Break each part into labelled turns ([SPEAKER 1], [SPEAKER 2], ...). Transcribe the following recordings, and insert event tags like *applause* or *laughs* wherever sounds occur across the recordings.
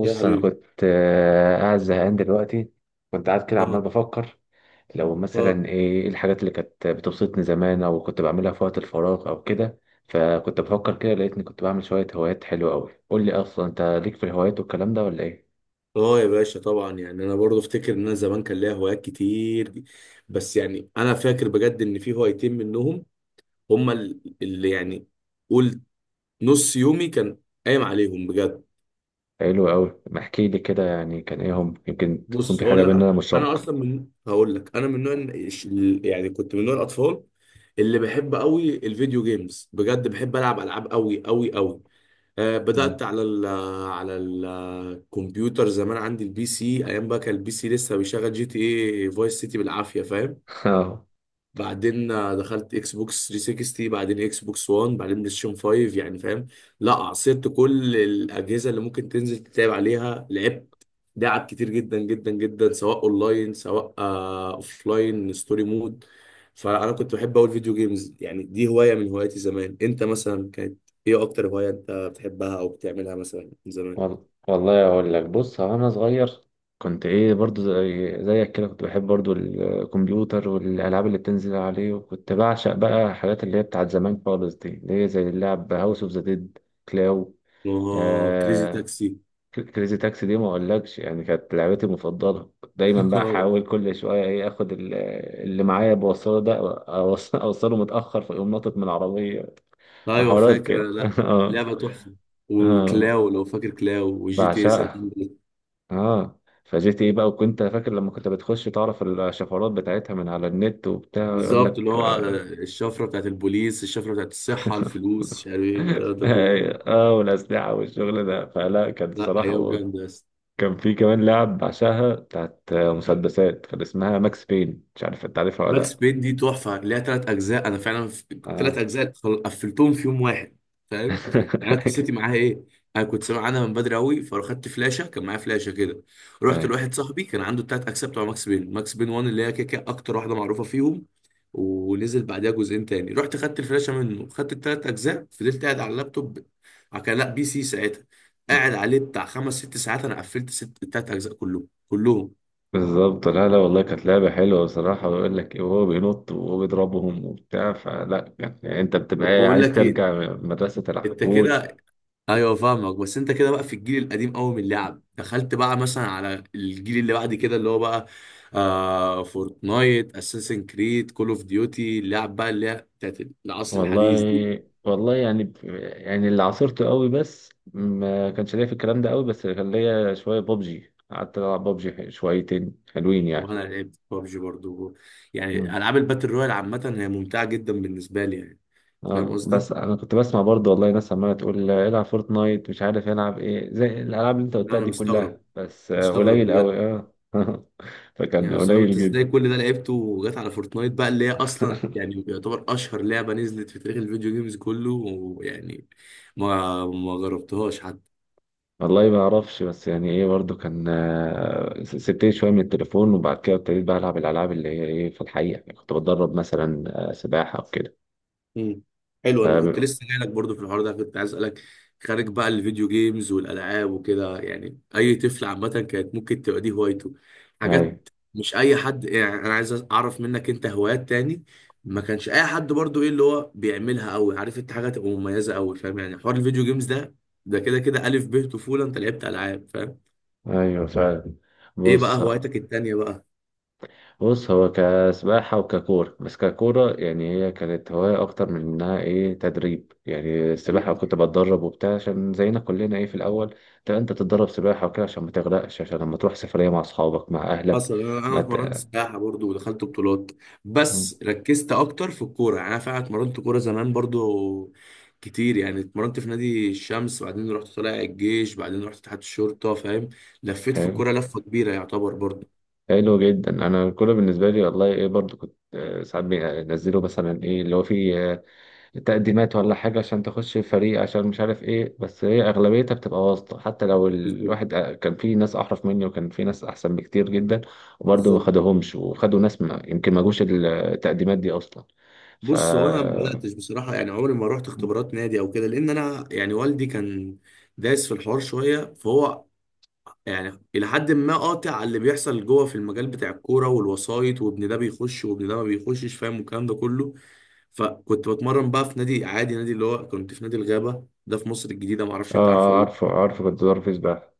[SPEAKER 1] يا
[SPEAKER 2] انا
[SPEAKER 1] حبيبي.
[SPEAKER 2] كنت قاعد زهقان دلوقتي. كنت قاعد كده عمال
[SPEAKER 1] اه،
[SPEAKER 2] بفكر لو
[SPEAKER 1] اه،
[SPEAKER 2] مثلا إيه الحاجات اللي كانت بتبسطني زمان او كنت بعملها في وقت الفراغ او كده. فكنت بفكر كده لقيتني كنت بعمل شوية هوايات حلوة قوي. قول لي اصلا انت ليك في الهوايات والكلام ده ولا ايه؟
[SPEAKER 1] اه يا باشا، طبعا يعني انا برضو افتكر ان انا زمان كان ليا هوايات كتير دي. بس يعني انا فاكر بجد ان في هوايتين منهم هما اللي يعني قول نص يومي كان قايم عليهم بجد.
[SPEAKER 2] حلو قوي، ما احكي لي كده، يعني كان ايه هم؟ يمكن تكون
[SPEAKER 1] بص
[SPEAKER 2] في حاجة
[SPEAKER 1] هقول لك على
[SPEAKER 2] بيننا
[SPEAKER 1] حاجه، انا
[SPEAKER 2] مشتركة.
[SPEAKER 1] اصلا هقول لك انا من نوع يعني كنت من نوع الاطفال اللي بحب قوي الفيديو جيمز، بجد بحب العب العاب قوي قوي قوي.
[SPEAKER 2] مم.
[SPEAKER 1] بدأت على على الكمبيوتر زمان، عندي البي سي. ايام بقى كان البي سي لسه بيشغل جي تي اي فايس سيتي بالعافية، فاهم.
[SPEAKER 2] *laughs* اه.
[SPEAKER 1] بعدين دخلت اكس بوكس 360، بعدين اكس بوكس 1، بعدين بلاي ستيشن 5، يعني فاهم. لا عصرت كل الاجهزه اللي ممكن تنزل تتابع عليها، لعبت لعب كتير جدا جدا جدا، سواء اونلاين سواء اوف لاين ستوري مود. فانا كنت بحب اقول فيديو جيمز، يعني دي هوايه من هواياتي زمان. انت مثلا كانت ايه اكتر هوايه انت بتحبها او بتعملها مثلا من زمان؟
[SPEAKER 2] والله اقول لك. بص، هو انا صغير كنت ايه برضو زي زيك كده، كنت بحب برضو الكمبيوتر والالعاب اللي بتنزل عليه، وكنت بعشق بقى الحاجات اللي هي بتاعت زمان خالص دي، اللي هي زي اللعب هاوس اوف ذا ديد، كلاو،
[SPEAKER 1] اه، كريزي
[SPEAKER 2] آه
[SPEAKER 1] تاكسي.
[SPEAKER 2] كريزي تاكسي. دي ما اقولكش، يعني كانت لعبتي المفضله. كنت دايما بقى احاول
[SPEAKER 1] *laughs*
[SPEAKER 2] كل شويه ايه اخد اللي معايا بوصله ده، اوصله متاخر فيقوم ناطط من العربيه
[SPEAKER 1] ايوه
[SPEAKER 2] وحوارات
[SPEAKER 1] فاكر أنا،
[SPEAKER 2] كده
[SPEAKER 1] لا.
[SPEAKER 2] *laughs* اه.
[SPEAKER 1] لعبه تحفه،
[SPEAKER 2] اه،
[SPEAKER 1] وكلاو لو فاكر كلاو وجي تي اس.
[SPEAKER 2] بعشقها. اه، فجيت ايه بقى، وكنت فاكر لما كنت بتخش تعرف الشفرات بتاعتها من على النت وبتاع يقول
[SPEAKER 1] بالظبط،
[SPEAKER 2] لك
[SPEAKER 1] اللي هو
[SPEAKER 2] *laughs*
[SPEAKER 1] الشفره بتاعت البوليس، الشفره بتاعت الصحه، الفلوس، مش عارف ايه الكلام ده كله.
[SPEAKER 2] اه. والاسلحه والشغل ده، فلا كان
[SPEAKER 1] لا، ايام
[SPEAKER 2] صراحه.
[SPEAKER 1] جامده.
[SPEAKER 2] كان في كمان لعب بعشقها بتاعت مسدسات، كان اسمها ماكس بين، مش عارف انت عارفها ولا
[SPEAKER 1] ماكس
[SPEAKER 2] لا؟
[SPEAKER 1] بين دي تحفه، ليها ثلاث اجزاء، انا فعلا ثلاث
[SPEAKER 2] اه
[SPEAKER 1] اجزاء قفلتهم في يوم واحد، فاهم. يعني انا
[SPEAKER 2] *laughs*
[SPEAKER 1] قصتي معاها ايه؟ انا كنت سامع عنها من بدري قوي، فاخدت فلاشه كان معايا فلاشه كده، رحت
[SPEAKER 2] أيوة.
[SPEAKER 1] لواحد صاحبي كان عنده الثلاث اجزاء بتوع ماكس بين. ماكس بين 1 اللي هي كده كده اكتر واحده معروفه فيهم، ونزل بعدها جزئين تاني. رحت خدت الفلاشه منه، خدت الثلاث اجزاء، فضلت قاعد على اللابتوب، كان لا بي سي ساعتها، قاعد عليه بتاع خمس ست ساعات. انا قفلت ست الثلاث اجزاء كلهم كلهم.
[SPEAKER 2] بالظبط، لا لا، والله كانت لعبة حلوة بصراحة. ويقول لك وهو بينط وهو بيضربهم وبتاع، فلا يعني انت بتبقى
[SPEAKER 1] طب بقول
[SPEAKER 2] عايز
[SPEAKER 1] لك ايه،
[SPEAKER 2] ترجع مدرسة
[SPEAKER 1] انت
[SPEAKER 2] العقول.
[SPEAKER 1] كده، ايوه فاهمك، بس انت كده بقى في الجيل القديم قوي من اللعب، دخلت بقى مثلا على الجيل اللي بعد كده اللي هو بقى فورتنايت، اساسن كريد، كول اوف ديوتي، اللعب بقى اللي هي بتاعت العصر
[SPEAKER 2] والله
[SPEAKER 1] الحديث دي.
[SPEAKER 2] والله يعني يعني اللي عاصرته قوي، بس ما كانش ليا في الكلام ده قوي، بس كان ليا شويه ببجي، قعدت العب ببجي شويتين حلوين يعني.
[SPEAKER 1] وانا لعبت بابجي برضو، يعني
[SPEAKER 2] مم.
[SPEAKER 1] العاب الباتل رويال عامه هي ممتعه جدا بالنسبه لي يعني. فاهم
[SPEAKER 2] اه،
[SPEAKER 1] قصدي؟
[SPEAKER 2] بس انا كنت بسمع برضه والله ناس عماله تقول العب فورتنايت، مش عارف العب ايه زي الالعاب اللي انت
[SPEAKER 1] لا،
[SPEAKER 2] قلتها
[SPEAKER 1] انا
[SPEAKER 2] دي كلها،
[SPEAKER 1] مستغرب،
[SPEAKER 2] بس
[SPEAKER 1] مستغرب
[SPEAKER 2] قليل قوي
[SPEAKER 1] بجد،
[SPEAKER 2] اه *laughs*
[SPEAKER 1] يعني
[SPEAKER 2] فكان
[SPEAKER 1] مستغرب انت
[SPEAKER 2] قليل جدا.
[SPEAKER 1] ازاي كل ده لعبته وجات على فورتنايت بقى، اللي هي اصلا
[SPEAKER 2] *laughs*
[SPEAKER 1] يعني يعتبر اشهر لعبه نزلت في تاريخ الفيديو جيمز كله، ويعني ما جربتهاش حتى.
[SPEAKER 2] والله ما اعرفش، بس يعني ايه برضو كان سبتني شويه من التليفون، وبعد كده ابتديت بقى العب الالعاب اللي هي ايه في الحقيقه، يعني كنت بتدرب مثلا سباحه او كده.
[SPEAKER 1] مم. حلو،
[SPEAKER 2] ف
[SPEAKER 1] انا كنت لسه جاي لك برضه في الحوار ده، كنت عايز اسالك خارج بقى الفيديو جيمز والالعاب وكده، يعني اي طفل عامه كانت ممكن تبقى دي هوايته،
[SPEAKER 2] ايوه.
[SPEAKER 1] حاجات مش اي حد. يعني انا عايز اعرف منك انت هوايات تاني ما كانش اي حد برضه، ايه اللي هو بيعملها قوي، عارف، انت حاجه تبقى مميزه قوي، فاهم يعني؟ حوار الفيديو جيمز ده، ده كده كده الف ب طفوله، انت لعبت العاب، فاهم.
[SPEAKER 2] ايوه فعلا.
[SPEAKER 1] ايه بقى
[SPEAKER 2] بص
[SPEAKER 1] هوايتك التانيه بقى؟
[SPEAKER 2] بص هو كسباحه وككوره، بس ككوره يعني هي كانت هوايه اكتر من انها ايه تدريب. يعني السباحه كنت بتدرب وبتاع عشان زينا كلنا ايه في الاول، انت تتدرب سباحه وكده عشان ما تغرقش، عشان لما تروح سفريه مع اصحابك مع اهلك.
[SPEAKER 1] حصل، انا
[SPEAKER 2] ما
[SPEAKER 1] اتمرنت
[SPEAKER 2] ت...
[SPEAKER 1] سباحه برضو ودخلت بطولات، بس ركزت اكتر في الكوره. يعني انا فعلا اتمرنت كوره زمان برضو كتير، يعني اتمرنت في نادي الشمس وبعدين رحت طالع الجيش، بعدين رحت تحت الشرطه فاهم. لفيت في
[SPEAKER 2] فاهم.
[SPEAKER 1] الكوره لفه كبيره يعتبر برضو.
[SPEAKER 2] حلو جدا، انا كله بالنسبه لي والله ايه برضو كنت ساعات بنزله مثلا ايه اللي هو فيه تقديمات ولا حاجه عشان تخش فريق، عشان مش عارف ايه. بس هي اغلبيتها بتبقى واسطه، حتى لو
[SPEAKER 1] بالظبط.
[SPEAKER 2] الواحد كان في ناس احرف مني، وكان في ناس احسن بكتير جدا، وبرضو ما
[SPEAKER 1] بالظبط.
[SPEAKER 2] خدهمش، وخدوا ناس ما يمكن ما جوش التقديمات دي اصلا.
[SPEAKER 1] بص هو انا ما
[SPEAKER 2] اه.
[SPEAKER 1] بداتش بصراحه، يعني عمري ما رحت اختبارات نادي او كده، لان انا يعني والدي كان دايس في الحوار شويه، فهو يعني الى حد ما قاطع على اللي بيحصل جوه في المجال بتاع الكوره والوسايط، وابن ده بيخش وابن ده ما بيخشش، فاهم، والكلام ده كله. فكنت بتمرن بقى في نادي عادي، نادي اللي هو كنت في نادي الغابه ده في مصر الجديده، ما اعرفش انت عارفه ولا
[SPEAKER 2] عارفه
[SPEAKER 1] لا.
[SPEAKER 2] عارفه، كنت ظرف سباحه.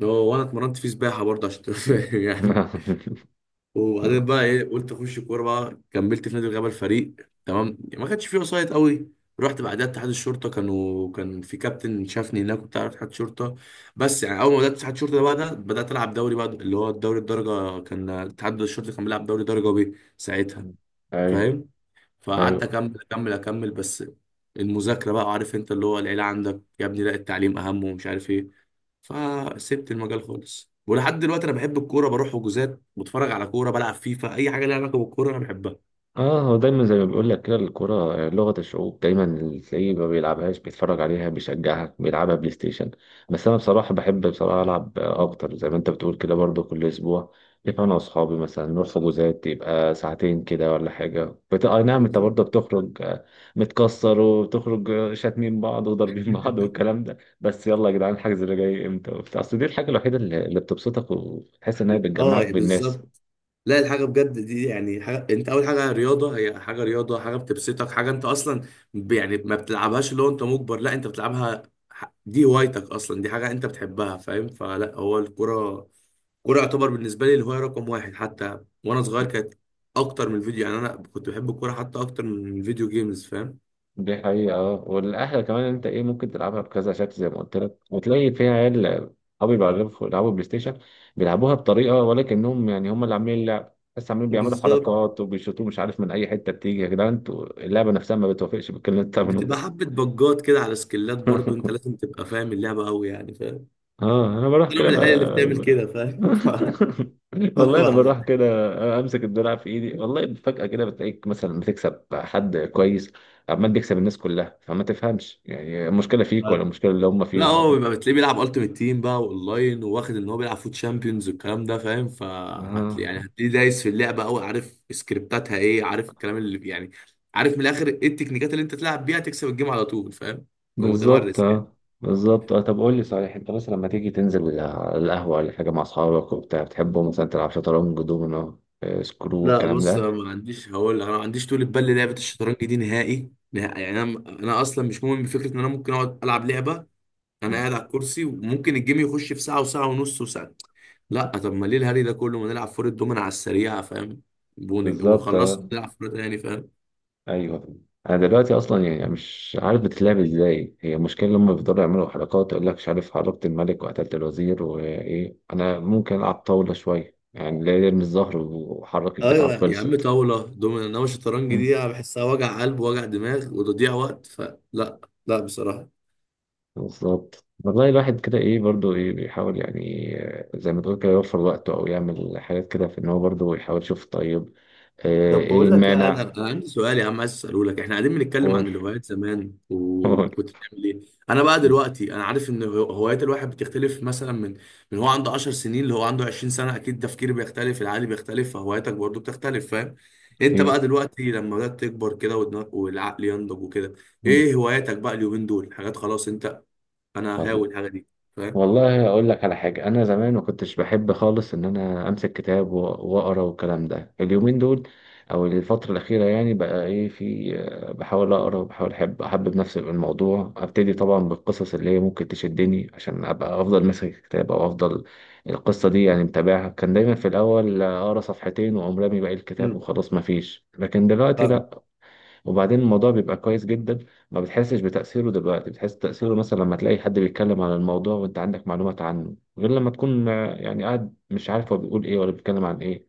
[SPEAKER 1] اللي هو وانا اتمرنت فيه سباحه برضه، عشان تبقى فاهم يعني.
[SPEAKER 2] *laughs*
[SPEAKER 1] وبعدين بقى ايه، قلت اخش كوره بقى، كملت في نادي الغابه الفريق، تمام، ما كانش فيه وسايط قوي. رحت بعدها اتحاد الشرطه، كانوا كان في كابتن شافني هناك، كنت عارف اتحاد شرطه. بس يعني اول ما بدات اتحاد الشرطه ده بقى، ده بدات العب دوري بقى اللي هو الدوري الدرجه. كان اتحاد الشرطه كان بيلعب دوري درجه بي ساعتها،
[SPEAKER 2] ايوه
[SPEAKER 1] فاهم. فقعدت
[SPEAKER 2] ايوه.
[SPEAKER 1] اكمل اكمل اكمل، بس المذاكره بقى، عارف انت، اللي هو العيله عندك يا ابني لا التعليم اهم، ومش عارف ايه. فسبت المجال خالص ولحد دلوقتي انا بحب الكوره، بروح حجوزات، بتفرج على كوره، بلعب فيفا، اي حاجه ليها علاقه بالكوره انا بحبها.
[SPEAKER 2] اه، هو دايما زي ما بيقول لك كده، الكرة لغة الشعوب، دايما اللي تلاقيه ما بيلعبهاش بيتفرج عليها، بيشجعها، بيلعبها بلاي ستيشن. بس انا بصراحة بحب بصراحة العب اكتر زي ما انت بتقول كده، برضو كل اسبوع يبقى انا واصحابي مثلا نروح حجوزات يبقى ساعتين كده ولا حاجة اي نعم، انت
[SPEAKER 1] بالظبط.
[SPEAKER 2] برضو بتخرج متكسر، وبتخرج شاتمين بعض وضاربين *laughs* بعض
[SPEAKER 1] *laughs*
[SPEAKER 2] والكلام ده، بس يلا يا جدعان، الحجز اللي جاي امتى وبتاع. اصل دي الحاجة الوحيدة اللي بتبسطك وتحس انها
[SPEAKER 1] اه
[SPEAKER 2] بتجمعك
[SPEAKER 1] يعني
[SPEAKER 2] بالناس.
[SPEAKER 1] بالظبط. لا، الحاجه بجد دي يعني حاجة. انت اول حاجه رياضه، هي حاجه رياضه، حاجه بتبسطك، حاجه انت اصلا يعني ما بتلعبهاش اللي هو انت مجبر، لا انت بتلعبها، دي هوايتك اصلا، دي حاجه انت بتحبها، فاهم. فلا هو الكوره. الكوره يعتبر بالنسبه لي الهوايه رقم واحد، حتى وانا صغير كانت اكتر من الفيديو، يعني انا كنت بحب الكوره حتى اكتر من الفيديو جيمز، فاهم.
[SPEAKER 2] دي حقيقة. اه، والأحلى كمان إن أنت ممكن تلعبها بكذا شكل زي ما قلت لك، وتلاقي فيها عيال. أصحابي بيلعبوا بلاي ستيشن، بيلعبوها بطريقة، ولكنهم يعني هم اللي عاملين اللعب، بس عاملين بيعملوا
[SPEAKER 1] بالظبط.
[SPEAKER 2] حركات وبيشوطوا مش عارف من أي حتة بتيجي. يا جدعان أنتوا، اللعبة نفسها ما بتوافقش بالكلام اللي أنت
[SPEAKER 1] بتبقى
[SPEAKER 2] بتعملوه
[SPEAKER 1] حبة بجات كده على سكلات برضو،
[SPEAKER 2] ده.
[SPEAKER 1] انت لازم تبقى فاهم اللعبة قوي يعني، فاهم.
[SPEAKER 2] اه، انا بروح
[SPEAKER 1] انا
[SPEAKER 2] كده
[SPEAKER 1] من العيال اللي بتعمل
[SPEAKER 2] ب...
[SPEAKER 1] كده، فاهم. *laughs*
[SPEAKER 2] *laughs*
[SPEAKER 1] ف- ف-
[SPEAKER 2] والله انا بروح كده امسك الدرع في ايدي، والله فجأة كده بتلاقيك مثلا بتكسب حد كويس، عمال بيكسب الناس كلها، فما تفهمش يعني المشكلة
[SPEAKER 1] ف-
[SPEAKER 2] فيك ولا المشكلة اللي هم
[SPEAKER 1] لا،
[SPEAKER 2] فيهم.
[SPEAKER 1] هو بيبقى بتلاقيه بيلعب التيمت تيم بقى اونلاين، وواخد ان هو بيلعب فوت شامبيونز والكلام ده، فاهم، فهتلاقي،
[SPEAKER 2] اه
[SPEAKER 1] يعني هتلاقيه دايس في اللعبة قوي، عارف سكريبتاتها ايه، عارف الكلام اللي يعني عارف من الاخر ايه التكنيكات اللي انت تلعب بيها تكسب الجيم على طول، فاهم. بيبقى
[SPEAKER 2] بالظبط،
[SPEAKER 1] متمرس.
[SPEAKER 2] اه بالظبط، اه. طب قول لي صحيح، انت مثلا لما تيجي تنزل على القهوة ولا حاجة مع اصحابك وبتاع بتحبوا مثلا تلعب شطرنج، دومينو، سكرو،
[SPEAKER 1] لا
[SPEAKER 2] الكلام
[SPEAKER 1] بص، انا
[SPEAKER 2] ده؟
[SPEAKER 1] ما عنديش، هقول انا ما عنديش طول بال للعبه الشطرنج دي نهائي نهائي، يعني انا انا اصلا مش مؤمن بفكره ان انا ممكن اقعد العب لعبه انا
[SPEAKER 2] مم.
[SPEAKER 1] قاعد على الكرسي وممكن الجيم يخش في ساعه وساعه ونص وساعه. لا، طب ما ليه الهري ده كله، ما نلعب فور الدومين على السريع، فاهم،
[SPEAKER 2] بالظبط.
[SPEAKER 1] ونخلص نلعب فور تاني، فاهم.
[SPEAKER 2] ايوه. انا دلوقتي اصلا يعني مش عارف بتتلعب ازاي، هي المشكله لما بيفضلوا يعملوا حركات يقول لك مش عارف حركت الملك وقتلت الوزير وايه. انا ممكن العب طاوله شويه، يعني لا، يرمي الزهر وحرك البتاع
[SPEAKER 1] ايوه يا عم،
[SPEAKER 2] خلصت.
[SPEAKER 1] طاوله دومين، انما الشطرنج دي
[SPEAKER 2] مم.
[SPEAKER 1] أنا بحسها وجع قلب وجع دماغ وتضييع وقت، فلا. لا بصراحه.
[SPEAKER 2] بالظبط والله، الواحد كده ايه برضو ايه بيحاول، يعني زي ما تقول كده، يوفر وقته او يعمل حاجات كده في ان هو برضو يحاول يشوف. طيب
[SPEAKER 1] طب
[SPEAKER 2] ايه
[SPEAKER 1] بقول لك يا ادهم،
[SPEAKER 2] المانع؟
[SPEAKER 1] انا عندي سؤال يا عم، عايز اساله لك. احنا قاعدين بنتكلم
[SPEAKER 2] قول.
[SPEAKER 1] عن الهوايات زمان
[SPEAKER 2] *laughs* قول.
[SPEAKER 1] وكنت بتعمل ايه. انا بقى
[SPEAKER 2] مم.
[SPEAKER 1] دلوقتي انا عارف ان هوايات الواحد بتختلف مثلا، من هو عنده 10 سنين اللي هو عنده 20 سنه، اكيد تفكيري بيختلف، العقل بيختلف، فهواياتك برضو بتختلف فاهم. انت بقى
[SPEAKER 2] اكيد.
[SPEAKER 1] دلوقتي لما بدات تكبر كده والعقل ينضج وكده،
[SPEAKER 2] مم.
[SPEAKER 1] ايه هواياتك بقى اليومين دول، حاجات خلاص انت انا هاوي الحاجه دي، فاهم.
[SPEAKER 2] والله اقول لك على حاجه، انا زمان ما كنتش بحب خالص ان انا امسك كتاب واقرا والكلام ده. اليومين دول او الفتره الاخيره، يعني بقى ايه، في بحاول اقرا، وبحاول احبب نفسي بالموضوع. ابتدي طبعا بالقصص اللي هي ممكن تشدني عشان ابقى افضل ماسك الكتاب او افضل القصه دي، يعني متابعها. كان دايما في الاول اقرا صفحتين واقوم رامي باقي الكتاب
[SPEAKER 1] امم
[SPEAKER 2] وخلاص ما فيش، لكن دلوقتي
[SPEAKER 1] فاهم.
[SPEAKER 2] لا. وبعدين الموضوع بيبقى كويس جدا، ما بتحسش بتأثيره دلوقتي، بتحس تأثيره مثلا لما تلاقي حد بيتكلم عن الموضوع وانت عندك معلومات عنه، غير لما تكون يعني قاعد مش عارف هو بيقول ايه ولا بيتكلم عن ايه.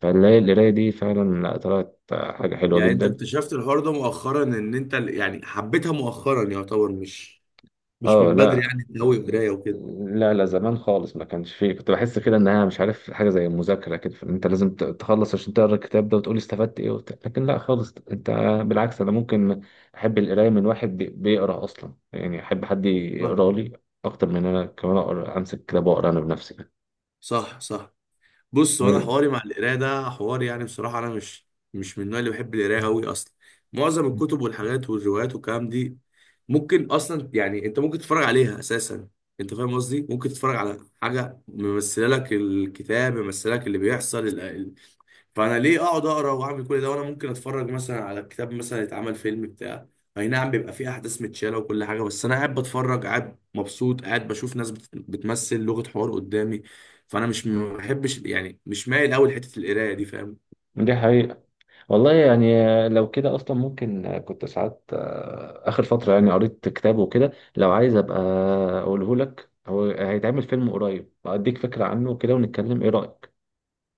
[SPEAKER 2] فالقراية، القراية دي فعلا لا، طلعت حاجة حلوة
[SPEAKER 1] يعني انت
[SPEAKER 2] جدا.
[SPEAKER 1] اكتشفت الحوار ده مؤخرا، ان انت يعني حبيتها مؤخرا يعتبر، مش مش
[SPEAKER 2] اه،
[SPEAKER 1] من بدري
[SPEAKER 2] لا
[SPEAKER 1] يعني، انت قوي قرايه وكده.
[SPEAKER 2] لا، لا زمان خالص ما كانش فيه. كنت بحس كده انها مش عارف حاجه زي المذاكره كده، فإن انت لازم تخلص عشان تقرا الكتاب ده وتقول استفدت ايه وبتاع، لكن لا خالص. انت بالعكس، انا ممكن احب القرايه من واحد بيقرا اصلا، يعني احب حد
[SPEAKER 1] اه.
[SPEAKER 2] يقرا لي اكتر من انا كمان اقرا امسك كتاب واقرا انا بنفسي.
[SPEAKER 1] صح، صح. بص هو انا حواري مع القرايه ده حوار، يعني بصراحه انا مش من النوع اللي بحب القرايه قوي اصلا. معظم الكتب والحاجات والروايات والكلام دي ممكن اصلا يعني انت ممكن تتفرج عليها اساسا. انت فاهم قصدي، ممكن تتفرج على حاجه ممثله لك، الكتاب ممثله لك اللي بيحصل. فانا ليه اقعد اقرا واعمل كل ده وانا ممكن اتفرج مثلا على كتاب مثلا يتعمل فيلم بتاع، اي نعم بيبقى فيه احداث متشاله وكل حاجه، بس انا قاعد بتفرج، قاعد مبسوط، قاعد بشوف ناس بتمثل لغه حوار قدامي. فانا مش ما بحبش يعني، مش مايل قوي لحته القرايه دي، فاهم.
[SPEAKER 2] دي حقيقه. والله يعني لو كده اصلا ممكن كنت ساعات اخر فتره يعني قريت كتاب وكده، لو عايز ابقى اقوله لك هو هيتعمل فيلم قريب، اديك فكره عنه كده ونتكلم ايه رايك.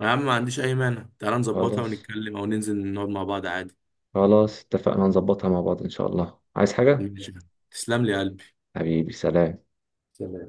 [SPEAKER 1] يا عم ما عنديش اي مانع، تعال نظبطها
[SPEAKER 2] خلاص،
[SPEAKER 1] ونتكلم، او ننزل نقعد مع بعض عادي.
[SPEAKER 2] خلاص اتفقنا، نظبطها مع بعض ان شاء الله. عايز حاجه؟
[SPEAKER 1] ماشي. تسلم لي يا قلبي.
[SPEAKER 2] حبيبي، سلام.
[SPEAKER 1] سلام.